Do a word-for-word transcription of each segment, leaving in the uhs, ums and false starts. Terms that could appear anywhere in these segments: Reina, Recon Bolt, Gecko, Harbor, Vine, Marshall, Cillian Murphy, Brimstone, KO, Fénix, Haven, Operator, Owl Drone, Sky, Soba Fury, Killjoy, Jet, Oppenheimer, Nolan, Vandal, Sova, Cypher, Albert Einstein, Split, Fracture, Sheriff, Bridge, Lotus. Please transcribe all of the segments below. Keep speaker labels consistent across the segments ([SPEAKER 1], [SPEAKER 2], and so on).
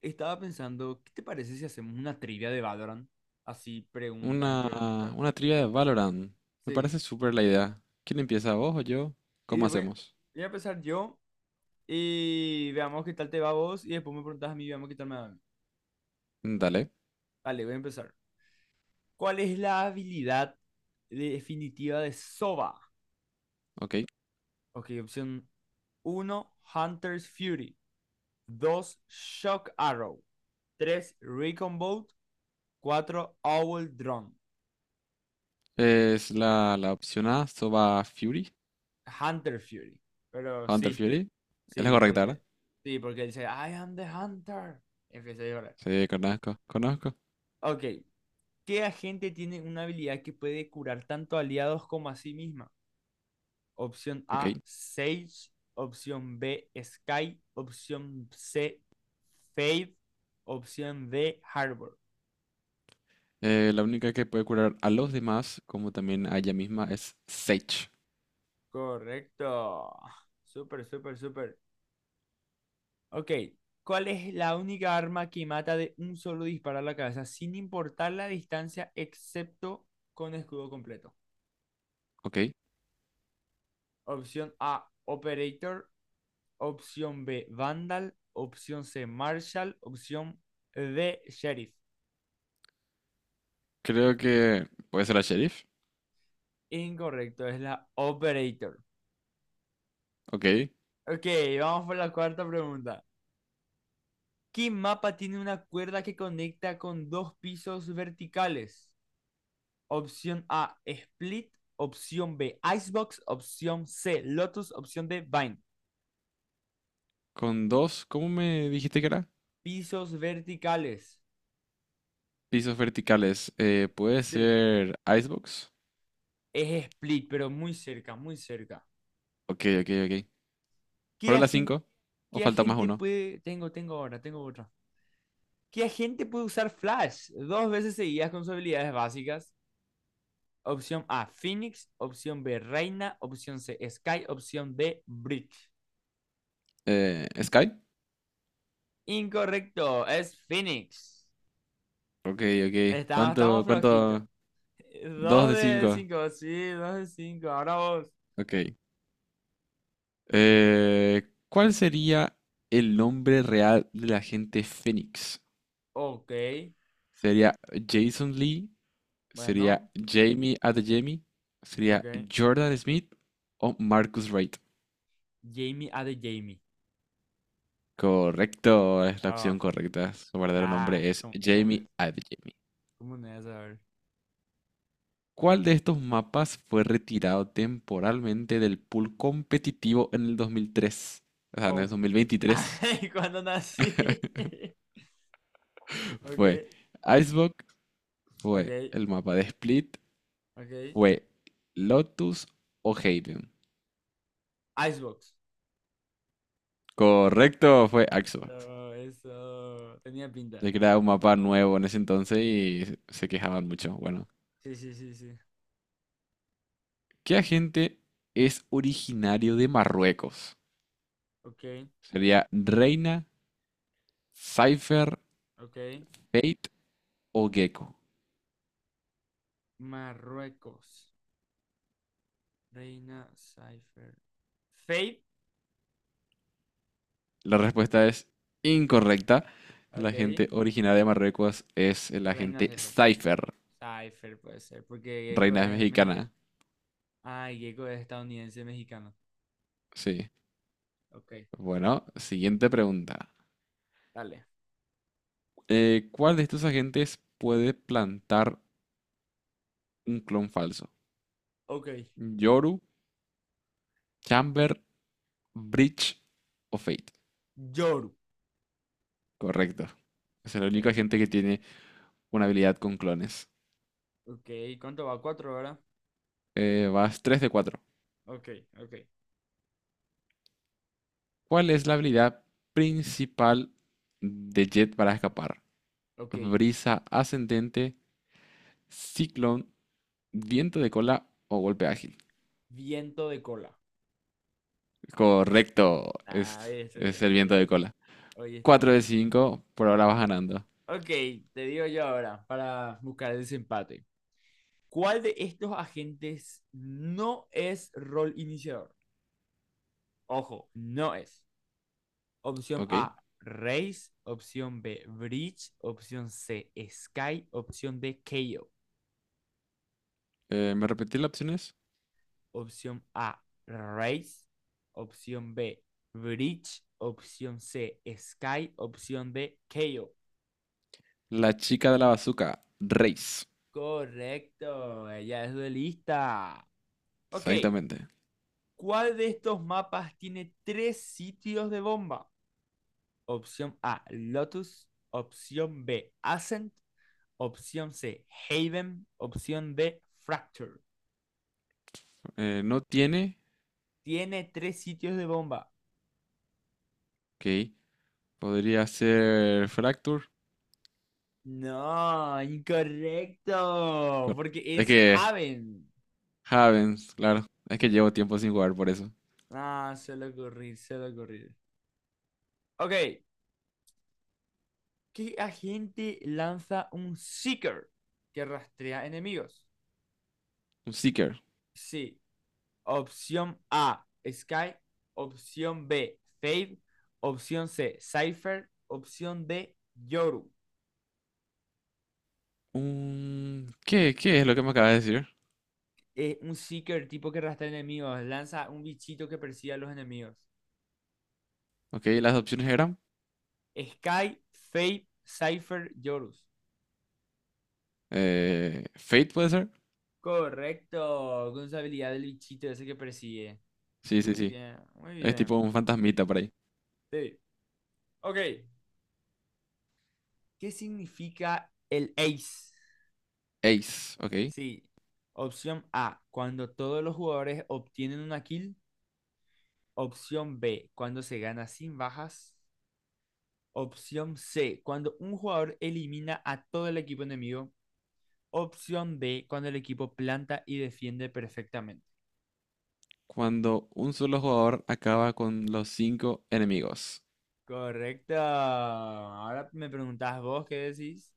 [SPEAKER 1] Estaba pensando, ¿qué te parece si hacemos una trivia de Valorant? Así,
[SPEAKER 2] Una,
[SPEAKER 1] preguntas y preguntas.
[SPEAKER 2] una trivia de Valorant. Me
[SPEAKER 1] Sí.
[SPEAKER 2] parece súper la idea. ¿Quién empieza, vos o yo?
[SPEAKER 1] Y
[SPEAKER 2] ¿Cómo
[SPEAKER 1] voy,
[SPEAKER 2] hacemos?
[SPEAKER 1] voy a empezar yo y veamos qué tal te va a vos y después me preguntas a mí y veamos qué tal me va a mí.
[SPEAKER 2] Dale.
[SPEAKER 1] Vale, voy a empezar. ¿Cuál es la habilidad definitiva de Sova?
[SPEAKER 2] Ok.
[SPEAKER 1] Ok, opción uno Hunter's Fury. Dos Shock Arrow. Tres Recon Bolt. Cuatro Owl Drone.
[SPEAKER 2] Es la, la opción A, Soba Fury,
[SPEAKER 1] Hunter Fury. Pero
[SPEAKER 2] Hunter
[SPEAKER 1] sí.
[SPEAKER 2] Fury. Es la
[SPEAKER 1] Sí,
[SPEAKER 2] correcta, ¿verdad?
[SPEAKER 1] porque, sí, porque él dice, I am the hunter. Empieza a llorar.
[SPEAKER 2] Sí, conozco, conozco.
[SPEAKER 1] Ok. ¿Qué agente tiene una habilidad que puede curar tanto aliados como a sí misma? Opción
[SPEAKER 2] Ok.
[SPEAKER 1] A, Sage. Opción B, Sky. Opción C, Faith. Opción D, Harbor.
[SPEAKER 2] Eh, la única que puede curar a los demás, como también a ella misma, es Sage.
[SPEAKER 1] Correcto. Súper, súper, súper. Ok. ¿Cuál es la única arma que mata de un solo disparo a la cabeza sin importar la distancia excepto con escudo completo?
[SPEAKER 2] Ok.
[SPEAKER 1] Opción A, Operator. Opción B, Vandal. Opción C, Marshall. Opción D, Sheriff.
[SPEAKER 2] Creo que puede ser la Sheriff.
[SPEAKER 1] Incorrecto, es la Operator.
[SPEAKER 2] Ok.
[SPEAKER 1] Ok, vamos por la cuarta pregunta. ¿Qué mapa tiene una cuerda que conecta con dos pisos verticales? Opción A, Split. Opción B, Icebox. Opción C, Lotus. Opción D, Vine.
[SPEAKER 2] Con dos, ¿cómo me dijiste que era?
[SPEAKER 1] Pisos verticales.
[SPEAKER 2] Pisos verticales. Eh, puede
[SPEAKER 1] Sí,
[SPEAKER 2] ser Icebox.
[SPEAKER 1] es Split, pero muy cerca, muy cerca.
[SPEAKER 2] Ok, ok, ok.
[SPEAKER 1] ¿Qué
[SPEAKER 2] Fueron las
[SPEAKER 1] agente,
[SPEAKER 2] cinco. O
[SPEAKER 1] qué
[SPEAKER 2] falta más
[SPEAKER 1] agente
[SPEAKER 2] uno.
[SPEAKER 1] puede... Tengo, tengo ahora, tengo otra. ¿Qué agente puede usar Flash dos veces seguidas con sus habilidades básicas? Opción A, Phoenix. Opción B, Reina. Opción C, Sky. Opción D, Bridge.
[SPEAKER 2] Eh, Sky.
[SPEAKER 1] Incorrecto, es Phoenix.
[SPEAKER 2] Ok, ok.
[SPEAKER 1] Estamos, estamos
[SPEAKER 2] ¿Cuánto,
[SPEAKER 1] flojitos.
[SPEAKER 2] cuánto? Dos
[SPEAKER 1] Dos
[SPEAKER 2] de
[SPEAKER 1] de
[SPEAKER 2] cinco.
[SPEAKER 1] cinco sí, dos de cinco. Ahora vos.
[SPEAKER 2] Ok. Eh, ¿Cuál sería el nombre real de la gente Fénix?
[SPEAKER 1] Ok,
[SPEAKER 2] ¿Sería Jason Lee? ¿Sería
[SPEAKER 1] bueno,
[SPEAKER 2] Jamie Adeyemi?
[SPEAKER 1] ok.
[SPEAKER 2] ¿Sería Jordan Smith o Marcus Wright?
[SPEAKER 1] Jamie, A de Jamie.
[SPEAKER 2] Correcto, es la
[SPEAKER 1] Ah,
[SPEAKER 2] opción
[SPEAKER 1] oh,
[SPEAKER 2] correcta. Su verdadero
[SPEAKER 1] claro,
[SPEAKER 2] nombre es
[SPEAKER 1] ¿cómo, cómo no
[SPEAKER 2] Jamie
[SPEAKER 1] es?
[SPEAKER 2] Adeyemi.
[SPEAKER 1] ¿Cómo no es? A ver.
[SPEAKER 2] ¿Cuál de estos mapas fue retirado temporalmente del pool competitivo en el dos mil tres? O sea, en el
[SPEAKER 1] Oh.
[SPEAKER 2] dos mil veintitrés.
[SPEAKER 1] Ay, cuando nací.
[SPEAKER 2] Fue
[SPEAKER 1] Ok,
[SPEAKER 2] Icebox, fue
[SPEAKER 1] ok,
[SPEAKER 2] el mapa de Split,
[SPEAKER 1] ok.
[SPEAKER 2] fue Lotus o Haven.
[SPEAKER 1] Icebox.
[SPEAKER 2] Correcto, fue Icebox.
[SPEAKER 1] Eso, eso. Tenía pinta.
[SPEAKER 2] Se creaba un mapa nuevo en ese entonces y se quejaban mucho. Bueno,
[SPEAKER 1] Sí, sí, sí, sí.
[SPEAKER 2] ¿qué agente es originario de Marruecos?
[SPEAKER 1] Ok,
[SPEAKER 2] ¿Sería Reina, Cypher,
[SPEAKER 1] ok.
[SPEAKER 2] Fate o Gecko?
[SPEAKER 1] Marruecos. Reina Cypher. Fate.
[SPEAKER 2] La respuesta es incorrecta. La
[SPEAKER 1] Ok.
[SPEAKER 2] gente originaria de Marruecos es la
[SPEAKER 1] Reina
[SPEAKER 2] gente
[SPEAKER 1] Cypher.
[SPEAKER 2] Cypher,
[SPEAKER 1] Cypher puede ser, porque Gecko
[SPEAKER 2] reina
[SPEAKER 1] es mexicano.
[SPEAKER 2] mexicana.
[SPEAKER 1] Ah, y Gecko es estadounidense mexicano.
[SPEAKER 2] Sí.
[SPEAKER 1] Ok, ok, ok.
[SPEAKER 2] Bueno, siguiente pregunta.
[SPEAKER 1] Dale.
[SPEAKER 2] Eh, ¿cuál de estos agentes puede plantar un clon falso?
[SPEAKER 1] Ok.
[SPEAKER 2] Yoru, Chamber, Breach o Fate.
[SPEAKER 1] Yoru.
[SPEAKER 2] Correcto. Es el único
[SPEAKER 1] Eh,
[SPEAKER 2] agente que tiene una habilidad con clones.
[SPEAKER 1] ok, ¿cuánto va? Cuatro, ¿verdad?
[SPEAKER 2] Eh, vas tres de cuatro.
[SPEAKER 1] Ok, ok.
[SPEAKER 2] ¿Cuál es la habilidad principal de Jet para escapar?
[SPEAKER 1] Ok,
[SPEAKER 2] Brisa ascendente, Ciclón, viento de cola o golpe ágil.
[SPEAKER 1] viento de cola.
[SPEAKER 2] Correcto,
[SPEAKER 1] Ah,
[SPEAKER 2] es,
[SPEAKER 1] hoy
[SPEAKER 2] es
[SPEAKER 1] estudié,
[SPEAKER 2] el
[SPEAKER 1] hoy
[SPEAKER 2] viento de
[SPEAKER 1] estudié,
[SPEAKER 2] cola.
[SPEAKER 1] hoy
[SPEAKER 2] Cuatro
[SPEAKER 1] estudié.
[SPEAKER 2] de cinco por ahora vas ganando.
[SPEAKER 1] Ok, te digo yo ahora para buscar el desempate. ¿Cuál de estos agentes no es rol iniciador? Ojo, no es. Opción
[SPEAKER 2] Ok,
[SPEAKER 1] A, Race. Opción B, Bridge. Opción C, Sky. Opción D, K O.
[SPEAKER 2] eh, ¿me repetí las opciones?
[SPEAKER 1] Opción A, Race. Opción B, Bridge. Opción C, Sky. Opción D, K O.
[SPEAKER 2] La chica de la bazuca, race.
[SPEAKER 1] Correcto, ella es duelista. Ok,
[SPEAKER 2] Exactamente.
[SPEAKER 1] ¿cuál de estos mapas tiene tres sitios de bomba? Opción A, Lotus. Opción B, Ascent. Opción C, Haven. Opción D, Fracture.
[SPEAKER 2] Eh, no tiene,
[SPEAKER 1] Tiene tres sitios de bomba.
[SPEAKER 2] ok. Podría ser Fracture.
[SPEAKER 1] No, incorrecto,
[SPEAKER 2] Cor-
[SPEAKER 1] porque
[SPEAKER 2] Es
[SPEAKER 1] es
[SPEAKER 2] que
[SPEAKER 1] Haven.
[SPEAKER 2] Havens, claro. Es que llevo tiempo sin jugar por eso.
[SPEAKER 1] Ah, suele ocurrir, suele ocurrir. Ok, ¿qué agente lanza un Seeker que rastrea enemigos?
[SPEAKER 2] Un Seeker.
[SPEAKER 1] Sí. Opción A, Sky. Opción B, Fade. Opción C, Cypher. Opción D, Yoru.
[SPEAKER 2] Un... ¿Qué, qué es lo que me acabas de decir?
[SPEAKER 1] Es un Seeker tipo que arrastra enemigos. Lanza un bichito que persigue a los enemigos.
[SPEAKER 2] Ok, las opciones eran...
[SPEAKER 1] Sky, Fade, Cypher, Yorus.
[SPEAKER 2] eh, Fate puede ser.
[SPEAKER 1] Correcto. Con su habilidad del bichito ese que persigue.
[SPEAKER 2] Sí, sí,
[SPEAKER 1] Muy
[SPEAKER 2] sí.
[SPEAKER 1] bien, muy
[SPEAKER 2] Es
[SPEAKER 1] bien.
[SPEAKER 2] tipo un fantasmita por ahí.
[SPEAKER 1] Sí. Ok. ¿Qué significa el ace?
[SPEAKER 2] Ace, ¿ok?
[SPEAKER 1] Sí. Opción A, cuando todos los jugadores obtienen una kill. Opción B, cuando se gana sin bajas. Opción C, cuando un jugador elimina a todo el equipo enemigo. Opción D, cuando el equipo planta y defiende perfectamente.
[SPEAKER 2] Cuando un solo jugador acaba con los cinco enemigos.
[SPEAKER 1] Correcto. Ahora me preguntás vos qué decís.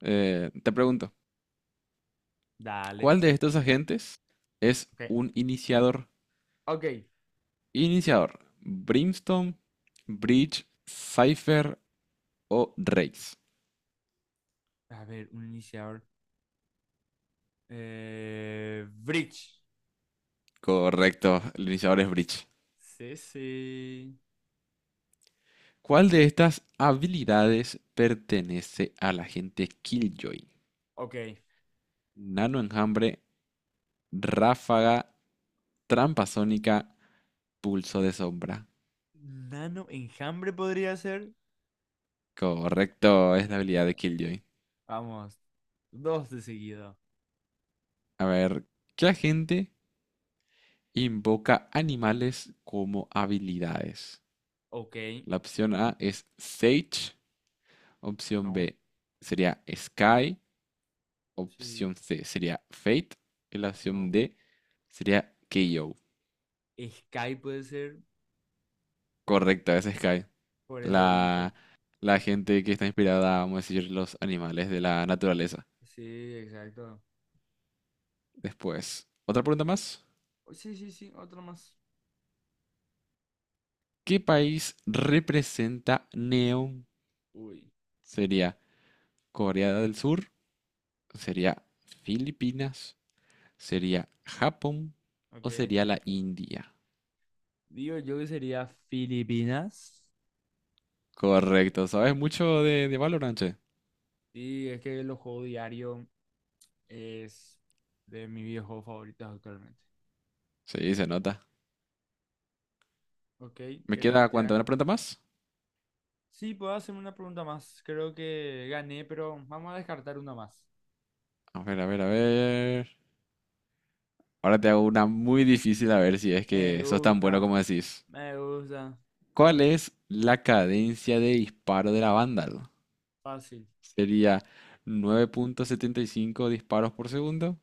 [SPEAKER 2] Eh, te pregunto,
[SPEAKER 1] Dale.
[SPEAKER 2] ¿cuál de estos agentes es
[SPEAKER 1] Ok.
[SPEAKER 2] un iniciador?
[SPEAKER 1] Ok.
[SPEAKER 2] Iniciador, Brimstone, Bridge, Cypher o Raze.
[SPEAKER 1] A ver, un iniciador. Eh, Bridge.
[SPEAKER 2] Correcto, el iniciador es Bridge.
[SPEAKER 1] Sí, sí.
[SPEAKER 2] ¿Cuál de estas habilidades pertenece al agente Killjoy?
[SPEAKER 1] Ok.
[SPEAKER 2] Nano enjambre, ráfaga, trampa sónica, pulso de sombra.
[SPEAKER 1] Nano enjambre podría ser.
[SPEAKER 2] Correcto, es la habilidad de Killjoy.
[SPEAKER 1] Vamos. Dos de seguido.
[SPEAKER 2] A ver, ¿qué agente invoca animales como habilidades?
[SPEAKER 1] Ok.
[SPEAKER 2] La opción A es Sage, opción
[SPEAKER 1] No.
[SPEAKER 2] B sería Sky,
[SPEAKER 1] Sí,
[SPEAKER 2] opción C sería Fate y la opción
[SPEAKER 1] no.
[SPEAKER 2] D sería K O.
[SPEAKER 1] Sky puede ser
[SPEAKER 2] Correcto, es Sky.
[SPEAKER 1] por el lobito.
[SPEAKER 2] La, la gente que está inspirada, vamos a decir, los animales de la naturaleza.
[SPEAKER 1] Sí, exacto.
[SPEAKER 2] Después, otra pregunta más.
[SPEAKER 1] Oh, sí, sí, sí, otro más.
[SPEAKER 2] ¿Qué país representa
[SPEAKER 1] Uy,
[SPEAKER 2] Neon?
[SPEAKER 1] uy.
[SPEAKER 2] Sería Corea del Sur, sería Filipinas, sería Japón o
[SPEAKER 1] Ok.
[SPEAKER 2] sería la India.
[SPEAKER 1] Digo yo que sería Filipinas.
[SPEAKER 2] Correcto, ¿sabes mucho de, de Valorant, che?
[SPEAKER 1] Sí, es que los juegos diarios es de mis videojuegos favoritos actualmente.
[SPEAKER 2] Sí, se nota.
[SPEAKER 1] Ok,
[SPEAKER 2] ¿Me
[SPEAKER 1] ¿querés que
[SPEAKER 2] queda
[SPEAKER 1] te
[SPEAKER 2] cuánto?
[SPEAKER 1] haga?
[SPEAKER 2] ¿Una pregunta más?
[SPEAKER 1] Sí, puedo hacerme una pregunta más. Creo que gané, pero vamos a descartar una más.
[SPEAKER 2] A ver, a ver, a ver. Ahora te hago una muy difícil a ver si es
[SPEAKER 1] Me
[SPEAKER 2] que sos tan
[SPEAKER 1] gusta,
[SPEAKER 2] bueno como decís.
[SPEAKER 1] me gusta.
[SPEAKER 2] ¿Cuál es la cadencia de disparo de la Vandal?
[SPEAKER 1] Fácil.
[SPEAKER 2] ¿Sería nueve punto setenta y cinco disparos por segundo?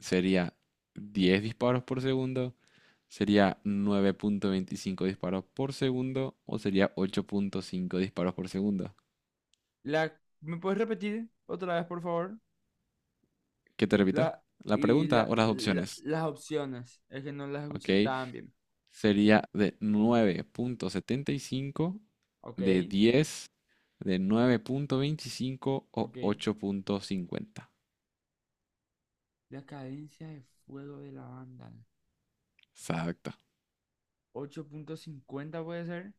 [SPEAKER 2] Sería diez disparos por segundo, sería nueve punto veinticinco disparos por segundo o sería ocho punto cinco disparos por segundo.
[SPEAKER 1] La... ¿Me puedes repetir otra vez, por favor?
[SPEAKER 2] ¿Qué te repito?
[SPEAKER 1] La,
[SPEAKER 2] La
[SPEAKER 1] y
[SPEAKER 2] pregunta
[SPEAKER 1] la,
[SPEAKER 2] o las
[SPEAKER 1] la-
[SPEAKER 2] opciones,
[SPEAKER 1] las opciones, es que no las
[SPEAKER 2] ¿ok?
[SPEAKER 1] escuché tan bien.
[SPEAKER 2] Sería de nueve punto setenta y cinco,
[SPEAKER 1] Ok,
[SPEAKER 2] de diez, de nueve punto veinticinco o
[SPEAKER 1] ok.
[SPEAKER 2] ocho punto cincuenta.
[SPEAKER 1] La cadencia de fuego de la banda.
[SPEAKER 2] Exacto.
[SPEAKER 1] Ocho punto cincuenta puede ser.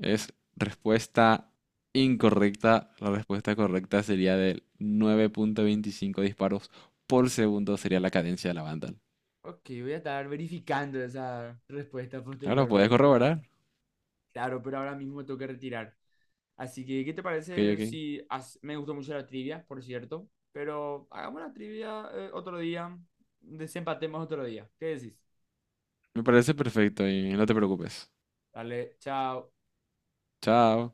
[SPEAKER 2] Es respuesta incorrecta. La respuesta correcta sería de nueve punto veinticinco disparos por segundo sería la cadencia de la Vandal.
[SPEAKER 1] Ok, voy a estar verificando esa respuesta
[SPEAKER 2] Ahora puedes
[SPEAKER 1] posteriormente, pero
[SPEAKER 2] corroborar.
[SPEAKER 1] claro, pero ahora mismo me tengo que retirar. Así que, ¿qué te
[SPEAKER 2] Ok,
[SPEAKER 1] parece
[SPEAKER 2] ok.
[SPEAKER 1] si hace- me gustó mucho la trivia, por cierto? Pero hagamos la trivia eh, otro día, desempatemos otro día. ¿Qué decís?
[SPEAKER 2] Me parece perfecto y no te preocupes.
[SPEAKER 1] Dale, chao.
[SPEAKER 2] Chao.